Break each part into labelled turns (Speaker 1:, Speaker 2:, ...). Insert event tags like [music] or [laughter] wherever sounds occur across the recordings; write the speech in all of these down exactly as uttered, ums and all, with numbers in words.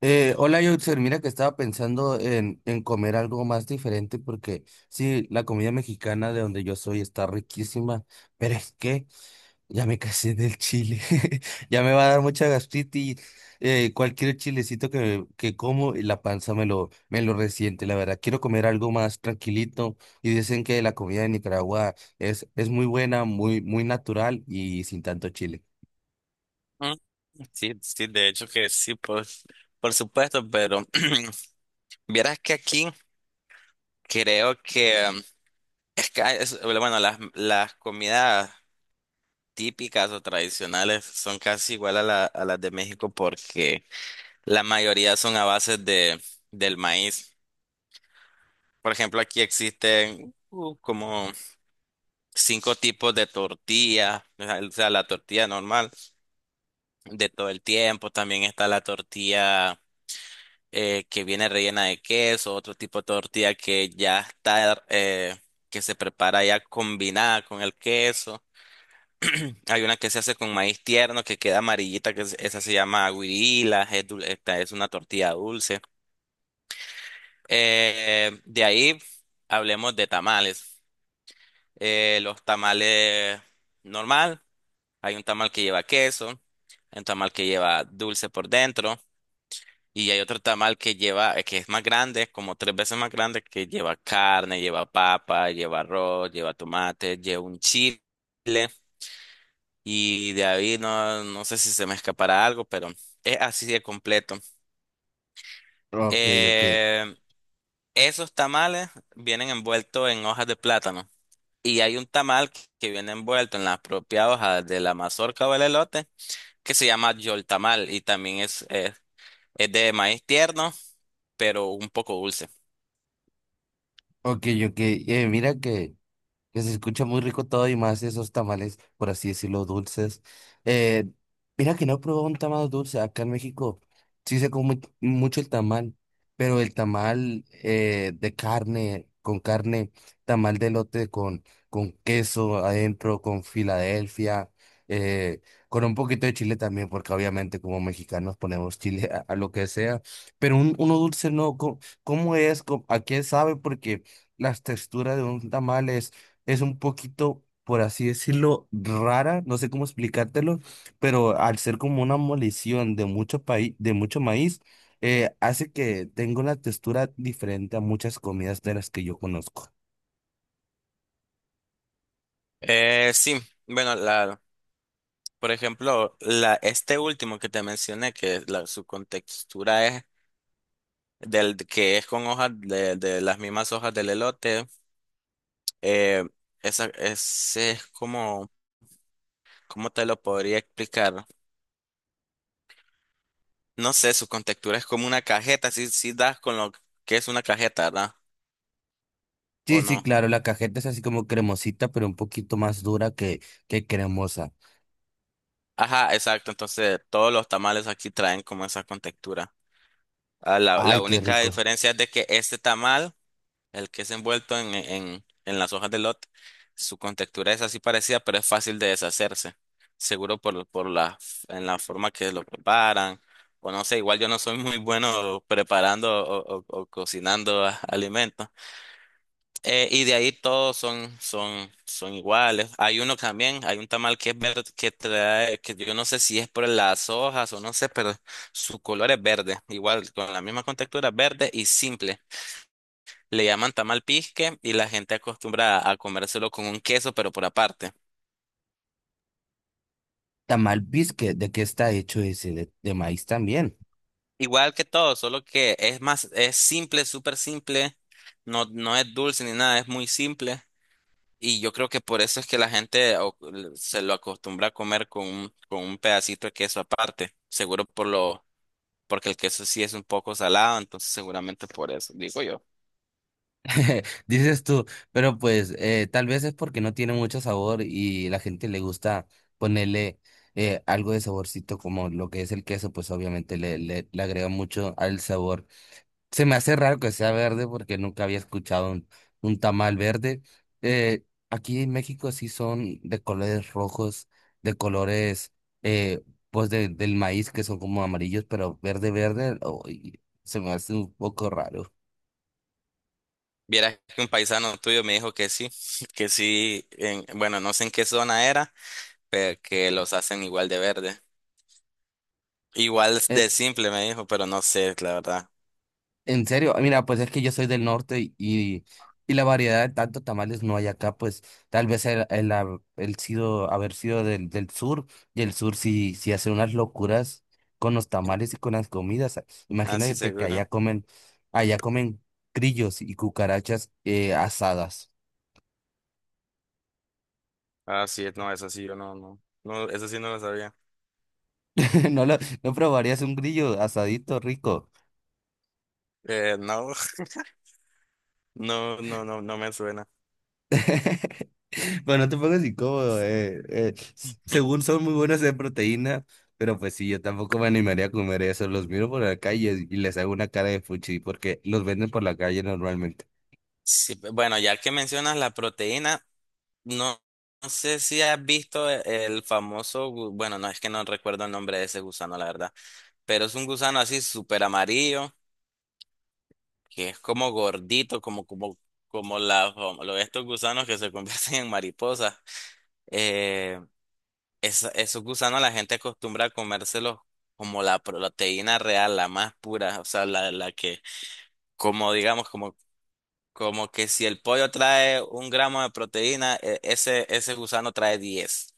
Speaker 1: Eh, hola, Yotzer. Mira que estaba pensando en, en comer algo más diferente porque sí, la comida mexicana de donde yo soy está riquísima, pero es que ya me casé del chile. [laughs] Ya me va a dar mucha gastritis. Eh, cualquier chilecito que, que como, y la panza me lo, me lo resiente, la verdad. Quiero comer algo más tranquilito y dicen que la comida de Nicaragua es, es muy buena, muy, muy natural y sin tanto chile.
Speaker 2: Mm, Sí, sí, de hecho que sí, por, por supuesto, pero [clears throat] vieras que aquí creo que em, es que hay- es- bueno, las, las comidas típicas o tradicionales son casi igual a la, a las de México porque la mayoría son a base de, del maíz. Por ejemplo, aquí existen uh, como cinco tipos de tortilla, o sea, la tortilla normal de todo el tiempo, también está la tortilla eh, que viene rellena de queso, otro tipo de tortilla que ya está, eh, que se prepara ya combinada con el queso. Hay una que se hace con maíz tierno que queda amarillita, que es- esa se llama guirila, es, dul- esta es una tortilla dulce. Eh, de ahí hablemos de tamales. Eh, los tamales normal, hay un tamal que lleva queso, hay un tamal que lleva dulce por dentro. Y hay otro tamal que lleva, eh, que es más grande, como tres veces más grande, que lleva carne, lleva papa, lleva arroz, lleva tomate, lleva un chile. Y de ahí no, no sé si se me escapará algo, pero es así de completo.
Speaker 1: Ok, ok,
Speaker 2: Eh, esos tamales vienen envueltos en hojas de plátano. Y hay un tamal que que viene envuelto en la propia hoja de la mazorca o el elote, que se llama yoltamal. Y también es, es es de maíz tierno, pero un poco dulce.
Speaker 1: ok, ok. Eh, mira que. Que se escucha muy rico todo y más esos tamales, por así decirlo, dulces. Eh, Mira que no he probado un tamal dulce acá en México. Sí se come mucho el tamal, pero el tamal eh, de carne, con carne, tamal de elote con, con queso adentro, con Filadelfia, eh, con un poquito de chile también, porque obviamente como mexicanos ponemos chile a, a lo que sea, pero un, uno dulce no. ¿Cómo, cómo es? ¿Cómo- ¿A qué sabe? Porque las texturas de un tamal es un poquito, por así decirlo, rara, no sé cómo explicártelo, pero al ser como una molición de mucho paí- de mucho maíz, eh, hace que tenga una textura diferente a muchas comidas de las que yo conozco.
Speaker 2: Eh, sí, bueno, la, por ejemplo, la, este último que te mencioné, que la, su contextura es del que es con hojas de, de las mismas hojas del elote, eh, esa, ese es como, ¿cómo te lo podría explicar? No sé, su contextura es como una cajeta, si, si das con lo que es una cajeta, ¿verdad? ¿O
Speaker 1: Sí, sí,
Speaker 2: no?
Speaker 1: claro, la cajeta es así como cremosita, pero un poquito más dura que, que cremosa.
Speaker 2: Ajá, exacto, entonces todos los tamales aquí traen como esa contextura. Ah, la, la
Speaker 1: Ay, qué
Speaker 2: única
Speaker 1: rico.
Speaker 2: diferencia es de que este tamal. El que es envuelto en, en, en las hojas de lot, su contextura es así parecida, pero es fácil de deshacerse. Seguro por, por la, en la forma que lo preparan. O no sé, igual yo no soy muy bueno preparando o, o- o cocinando a- alimentos. Eh, y de ahí todos son, son, son iguales. Hay uno también, hay un tamal que es verde, que trae, que yo no sé si es por las hojas o no sé, pero su color es verde. Igual, con la misma contextura, verde y simple. Le llaman tamal pisque y la gente acostumbra a comérselo con un queso, pero por aparte.
Speaker 1: Tamal bisque, ¿de qué está hecho ese? De, de maíz también.
Speaker 2: Igual que todo, solo que es más, es simple, súper simple. No, no es dulce ni nada, es muy simple. Y yo creo que por eso es que la gente o- se lo acostumbra a comer con un, con un pedacito de queso aparte. Seguro por lo, porque el queso sí es un poco salado, entonces seguramente por eso, digo yo.
Speaker 1: [laughs] Dices tú, pero pues eh, tal vez es porque no tiene mucho sabor y la gente le gusta ponerle eh, algo de saborcito, como lo que es el queso, pues obviamente le, le, le agrega mucho al sabor. Se me hace raro que sea verde porque nunca había escuchado un, un tamal verde. Eh, Aquí en México sí son de colores rojos, de colores, eh, pues de- del maíz que son como amarillos, pero verde, verde, oh, y se me hace un poco raro.
Speaker 2: Vieras que un paisano tuyo me dijo que sí, [laughs] que sí, en- bueno, no sé en qué zona era, pero que los hacen igual de verde. Igual
Speaker 1: Eh,
Speaker 2: de simple me dijo, pero no sé, la verdad.
Speaker 1: En serio, mira, pues es que yo soy del norte y, y, y la variedad de tantos tamales no hay acá. Pues tal vez el, el, hab- el sido, haber sido del, del sur, y el sur sí, sí hace unas locuras con los tamales y con las comidas.
Speaker 2: Ah, sí,
Speaker 1: Imagínate que allá
Speaker 2: seguro.
Speaker 1: comen, allá comen grillos y cucarachas, eh, asadas.
Speaker 2: Ah, sí, no, eso sí, yo no, no. No, eso sí no lo sabía.
Speaker 1: [laughs] No lo, ¿No probarías un grillo asadito rico?
Speaker 2: Eh, no, [laughs] no, no, no, no me suena.
Speaker 1: [laughs] Bueno, no te pongas incómodo. eh, eh, s- Según son muy buenas de proteína, pero pues sí, yo tampoco me animaría a comer eso. Los miro por la calle y les hago una cara de fuchi porque los venden por la calle normalmente.
Speaker 2: Sí, pe- bueno, ya que mencionas la proteína, no, no sé si has visto e- el famoso, gu- bueno, no es que no recuerdo el nombre de ese gusano, la verdad, pero es un gusano así súper amarillo, que es como gordito, como, como, como la, como lo- estos gusanos que se [laughs] convierten en mariposas. eh, Esa- esos gusanos la gente acostumbra a comérselos como la proteína real, la más pura, o sea, la, la que, como digamos, como, como que si el pollo trae un gramo de proteína, e- ese, ese gusano trae diez.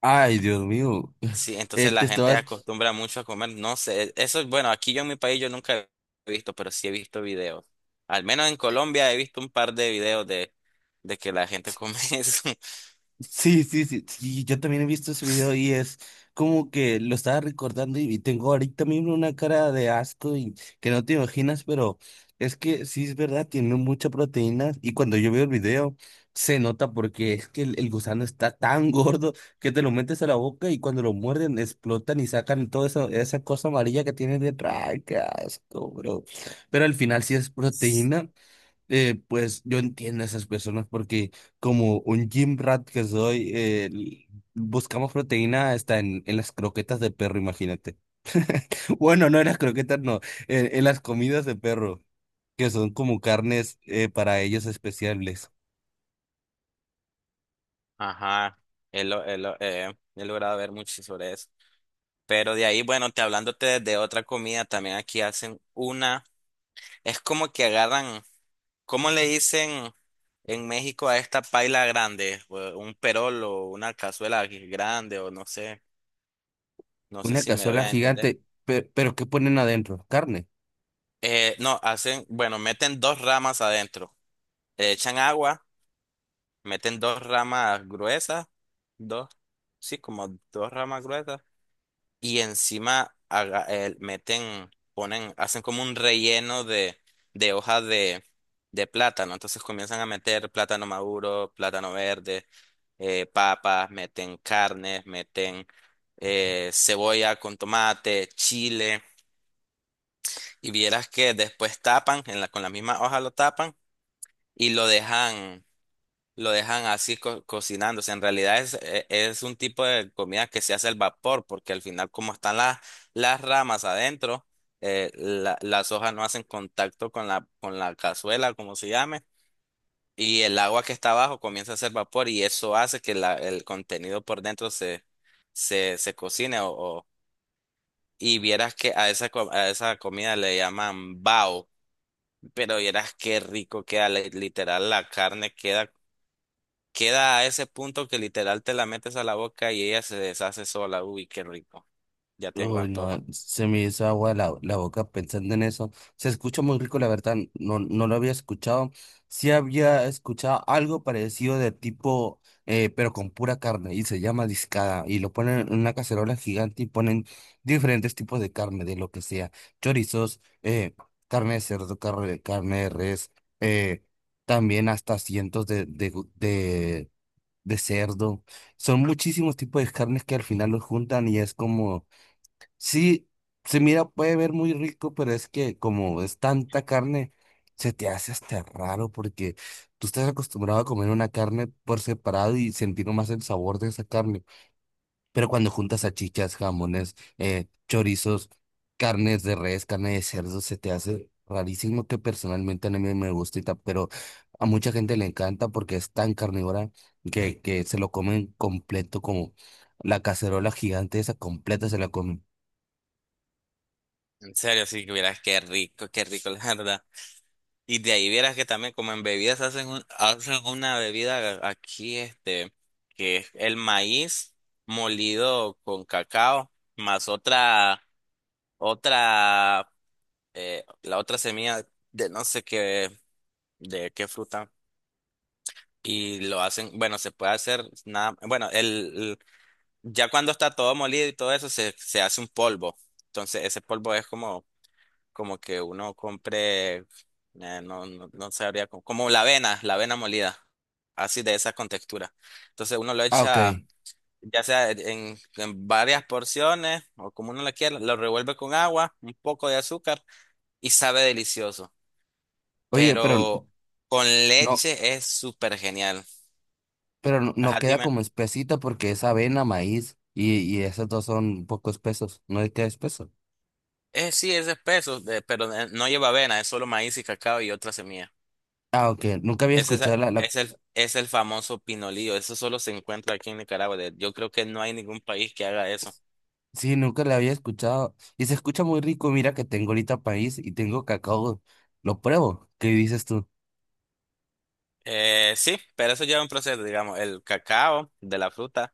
Speaker 1: Ay, Dios mío. [laughs]
Speaker 2: Sí,
Speaker 1: Eh,
Speaker 2: entonces
Speaker 1: te
Speaker 2: la gente
Speaker 1: estabas,
Speaker 2: acostumbra mucho a comer, no sé, eso, bueno, aquí yo en mi país yo nunca he visto, pero sí he visto videos. Al menos en Colombia he visto un par de videos de, de que la gente come [laughs] eso.
Speaker 1: Sí, sí, sí, sí, yo también he visto ese video y es como que lo estaba recordando, y, y tengo ahorita mismo una cara de asco y que no te imaginas, pero es que sí es verdad, tiene mucha proteína. Y cuando yo veo el video se nota, porque es que el, el gusano está tan [laughs] gordo que te lo metes a la boca y cuando lo muerden explotan y sacan toda esa, esa cosa amarilla que tiene detrás. ¡Ay, qué asco, bro! Pero al final sí es proteína. Eh, pues yo entiendo a esas personas porque como un gym rat que soy, eh, l- buscamos proteína hasta en, en las croquetas de perro, imagínate. [laughs] Bueno, no en las croquetas, no, en, en las comidas de perro, que son como carnes, eh, para ellos especiales.
Speaker 2: Ajá, he, lo- he lo- eh, he logrado ver mucho sobre eso. Pero de ahí, bueno, te hablándote de otra comida, también aquí hacen una, es como que agarran, ¿cómo le dicen en México a esta paila grande? O Un perol o una cazuela grande o no sé, no sé
Speaker 1: Una
Speaker 2: si me doy
Speaker 1: cazuela
Speaker 2: a entender.
Speaker 1: gigante, pe- pero ¿qué ponen adentro? ¿Carne?
Speaker 2: Eh, no, hacen, bueno, meten dos ramas adentro, le echan agua, meten dos ramas gruesas, dos, sí, como dos ramas gruesas y encima haga- eh, meten, ponen, hacen como un relleno de, de hoja de, de plátano. Entonces comienzan a meter plátano maduro, plátano verde, eh, papas, meten carnes, meten eh, cebolla con tomate, chile. Y vieras que después tapan, en la, con la misma hoja lo tapan y lo dejan lo dejan así co- cocinándose. En realidad es, e- es un tipo de comida que se hace al vapor, porque al final como están las, las ramas adentro, eh, la- las hojas no hacen contacto con la, con la cazuela, como se llame, y el agua que está abajo comienza a hacer vapor y eso hace que la- el contenido por dentro se, se, se cocine o, o- y vieras que a esa, co- a esa comida le llaman bao. Pero vieras qué rico queda, li- literal, la carne queda Queda a ese punto que literal te la metes a la boca y ella se deshace sola. Uy, qué rico. Ya tengo
Speaker 1: Uy,
Speaker 2: antojo.
Speaker 1: no, se me hizo agua la, la boca pensando en eso. Se escucha muy rico, la verdad, no, no lo había escuchado. Sí había escuchado algo parecido de tipo, eh, pero con pura carne, y se llama discada, y lo ponen en una cacerola gigante y ponen diferentes tipos de carne, de lo que sea, chorizos, eh, carne de cerdo, carne, carne de res, eh, también hasta cientos de, de, gu- de, de cerdo. Son muchísimos tipos de carnes que al final los juntan y es como. Sí, se mira, puede ver muy rico, pero es que como es tanta carne, se te hace hasta raro porque tú estás acostumbrado a comer una carne por separado y sentir más el sabor de esa carne. Pero cuando juntas salchichas, jamones, eh, chorizos, carnes de res, carne de cerdo, se te hace rarísimo. Que personalmente a mí me gusta, y tal, pero a mucha gente le encanta porque es tan carnívora que, que se lo comen completo, como la cacerola gigante esa completa se la comen.
Speaker 2: En serio, sí que vieras qué rico, qué rico, [laughs] la verdad. Y de ahí vieras que también como en bebidas hacen, un- hacen una bebida a- aquí, este, que es el maíz molido con cacao, más otra, otra, eh, la otra semilla de no sé qué, de qué fruta. Y lo hacen, bueno, se puede hacer nada, bueno, el, Ya cuando está todo molido y todo eso, se, se hace un polvo. Entonces, ese polvo es como, como que uno compre, eh, no, no, no sabría, cómo- como la avena, la avena molida, así de esa con textura. Entonces, uno lo
Speaker 1: Ah, ok.
Speaker 2: echa, ya sea en, en varias porciones o como uno lo quiera, lo revuelve con agua, un poco de azúcar y sabe delicioso.
Speaker 1: Oye, pero
Speaker 2: Pero con
Speaker 1: no,
Speaker 2: leche es súper genial.
Speaker 1: pero no, no
Speaker 2: Ajá,
Speaker 1: queda
Speaker 2: dime.
Speaker 1: como espesita porque es avena, maíz, y, y esos dos son un poco espesos. ¿No le queda espeso?
Speaker 2: Eh, sí, es espeso, de- pero eh, no lleva avena, es solo maíz y cacao y otra semilla.
Speaker 1: Ah, ok. Nunca había
Speaker 2: Ese
Speaker 1: escuchado
Speaker 2: es,
Speaker 1: la, la...
Speaker 2: es el, es el famoso pinolillo. Eso solo se encuentra aquí en Nicaragua. De- Yo creo que no hay ningún país que haga eso.
Speaker 1: Sí, nunca la había escuchado. Y se escucha muy rico. Mira que tengo ahorita maíz y tengo cacao. Lo pruebo. ¿Qué dices tú?
Speaker 2: Eh, sí, pero eso lleva un proceso, digamos, el cacao de la fruta,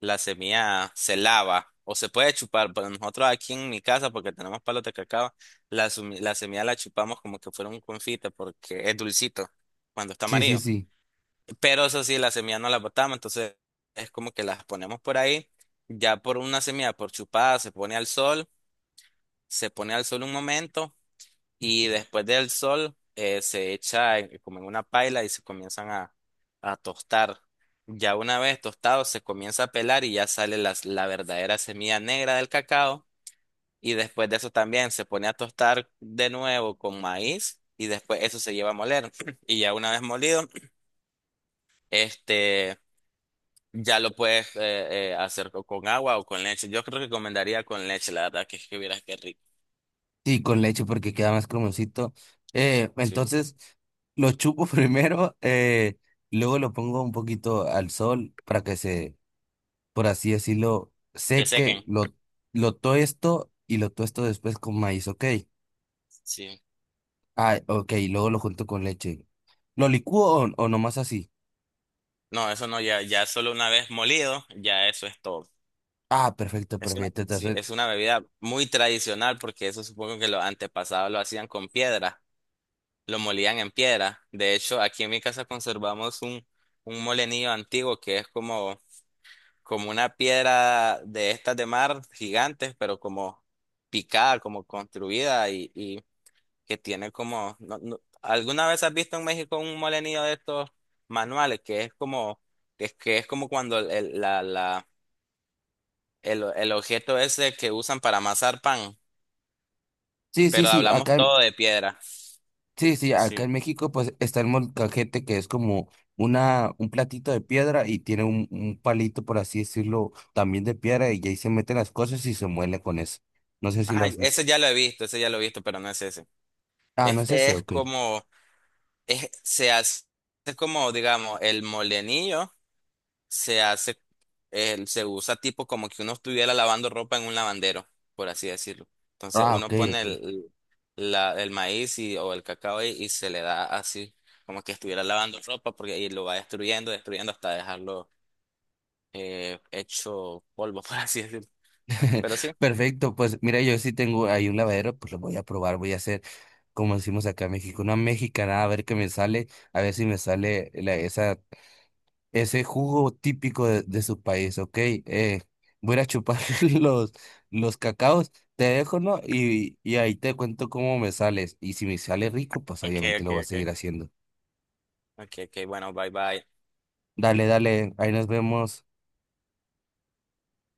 Speaker 2: la semilla se lava o se puede chupar, pero nosotros aquí en mi casa, porque tenemos palos de cacao, la, sumi- la semilla la chupamos como que fuera un confite porque es dulcito cuando está
Speaker 1: Sí, sí,
Speaker 2: amarillo.
Speaker 1: sí.
Speaker 2: Pero eso sí, la semilla no la botamos, entonces es como que las ponemos por ahí, ya por una semilla, por chupada, se pone al sol. Se pone al sol un momento y después del sol eh, se echa en- como en una paila y se comienzan a, a tostar. Ya una vez tostado se comienza a pelar y ya sale las- la verdadera semilla negra del cacao y después de eso también se pone a tostar de nuevo con maíz y después eso se lleva a moler. [clears throat] Y ya una vez molido este ya lo puedes eh, eh, hacer co- con agua o con leche. Yo creo que recomendaría con leche, la verdad que es que vieras qué rico.
Speaker 1: Sí, con leche porque queda más cremosito. Eh,
Speaker 2: Sí.
Speaker 1: entonces, lo chupo [laughs] primero. Eh, luego lo pongo un poquito al sol para que se, por así decirlo,
Speaker 2: Que
Speaker 1: sé que
Speaker 2: sequen.
Speaker 1: lo, lo tosto, y lo tosto después con maíz, ok.
Speaker 2: Sí.
Speaker 1: Ah, ok, luego lo junto con leche. ¿Lo licúo o, o nomás así?
Speaker 2: No, eso no, ya, ya solo una vez molido, ya eso es todo.
Speaker 1: Ah, perfecto,
Speaker 2: Es una,
Speaker 1: perfecto.
Speaker 2: sí,
Speaker 1: Entonces,
Speaker 2: es una bebida muy tradicional porque eso supongo que los antepasados lo hacían con piedra, lo molían en piedra. De hecho, aquí en mi casa conservamos un, un molenillo antiguo que es como, como una piedra de estas de mar gigantes, pero como picada, como construida y, y que tiene como. No- no- ¿alguna vez has visto en México un molenillo de estos manuales que es como, que es, que es como cuando el, el- la, la, el, el objeto ese que usan para amasar pan,
Speaker 1: sí, sí,
Speaker 2: pero
Speaker 1: sí,
Speaker 2: hablamos
Speaker 1: acá, en-
Speaker 2: todo de piedra?
Speaker 1: sí, sí, acá
Speaker 2: Sí.
Speaker 1: en México pues está el molcajete, que es como una, un platito de piedra, y tiene un, un palito, por así decirlo, también de piedra, y ahí se meten las cosas y se muele con eso. No sé si lo
Speaker 2: Ajá,
Speaker 1: has visto.
Speaker 2: ese ya lo he visto, ese ya lo he visto, pero no es ese.
Speaker 1: Ah, no es
Speaker 2: Este
Speaker 1: ese,
Speaker 2: es
Speaker 1: ok.
Speaker 2: como, es, se hace es como, digamos, el molenillo. Se hace, eh, se usa tipo como que uno estuviera lavando ropa en un lavandero, por así decirlo. Entonces
Speaker 1: Ah, ok,
Speaker 2: uno pone
Speaker 1: ok.
Speaker 2: el, la- el maíz y, o el cacao ahí y se le da así, como que estuviera lavando ropa, porque ahí lo va destruyendo, destruyendo hasta dejarlo eh, hecho polvo, [laughs] por así decirlo.
Speaker 1: [laughs]
Speaker 2: Pero sí.
Speaker 1: Perfecto, pues mira, yo sí tengo ahí un lavadero, pues lo voy a probar, voy a hacer, como decimos acá en México, una mexicanada, a ver qué me sale, a ver si me sale la- esa, ese jugo típico de, de su país, ¿ok? Eh, voy a ir a chupar [laughs] los, los cacaos, te dejo, ¿no? Y y ahí te cuento cómo me sales, y si me sale rico, pues
Speaker 2: Ok,
Speaker 1: obviamente lo
Speaker 2: ok,
Speaker 1: voy a
Speaker 2: ok.
Speaker 1: seguir haciendo.
Speaker 2: Ok, ok, bueno, bye bye.
Speaker 1: Dale, dale, ahí nos vemos.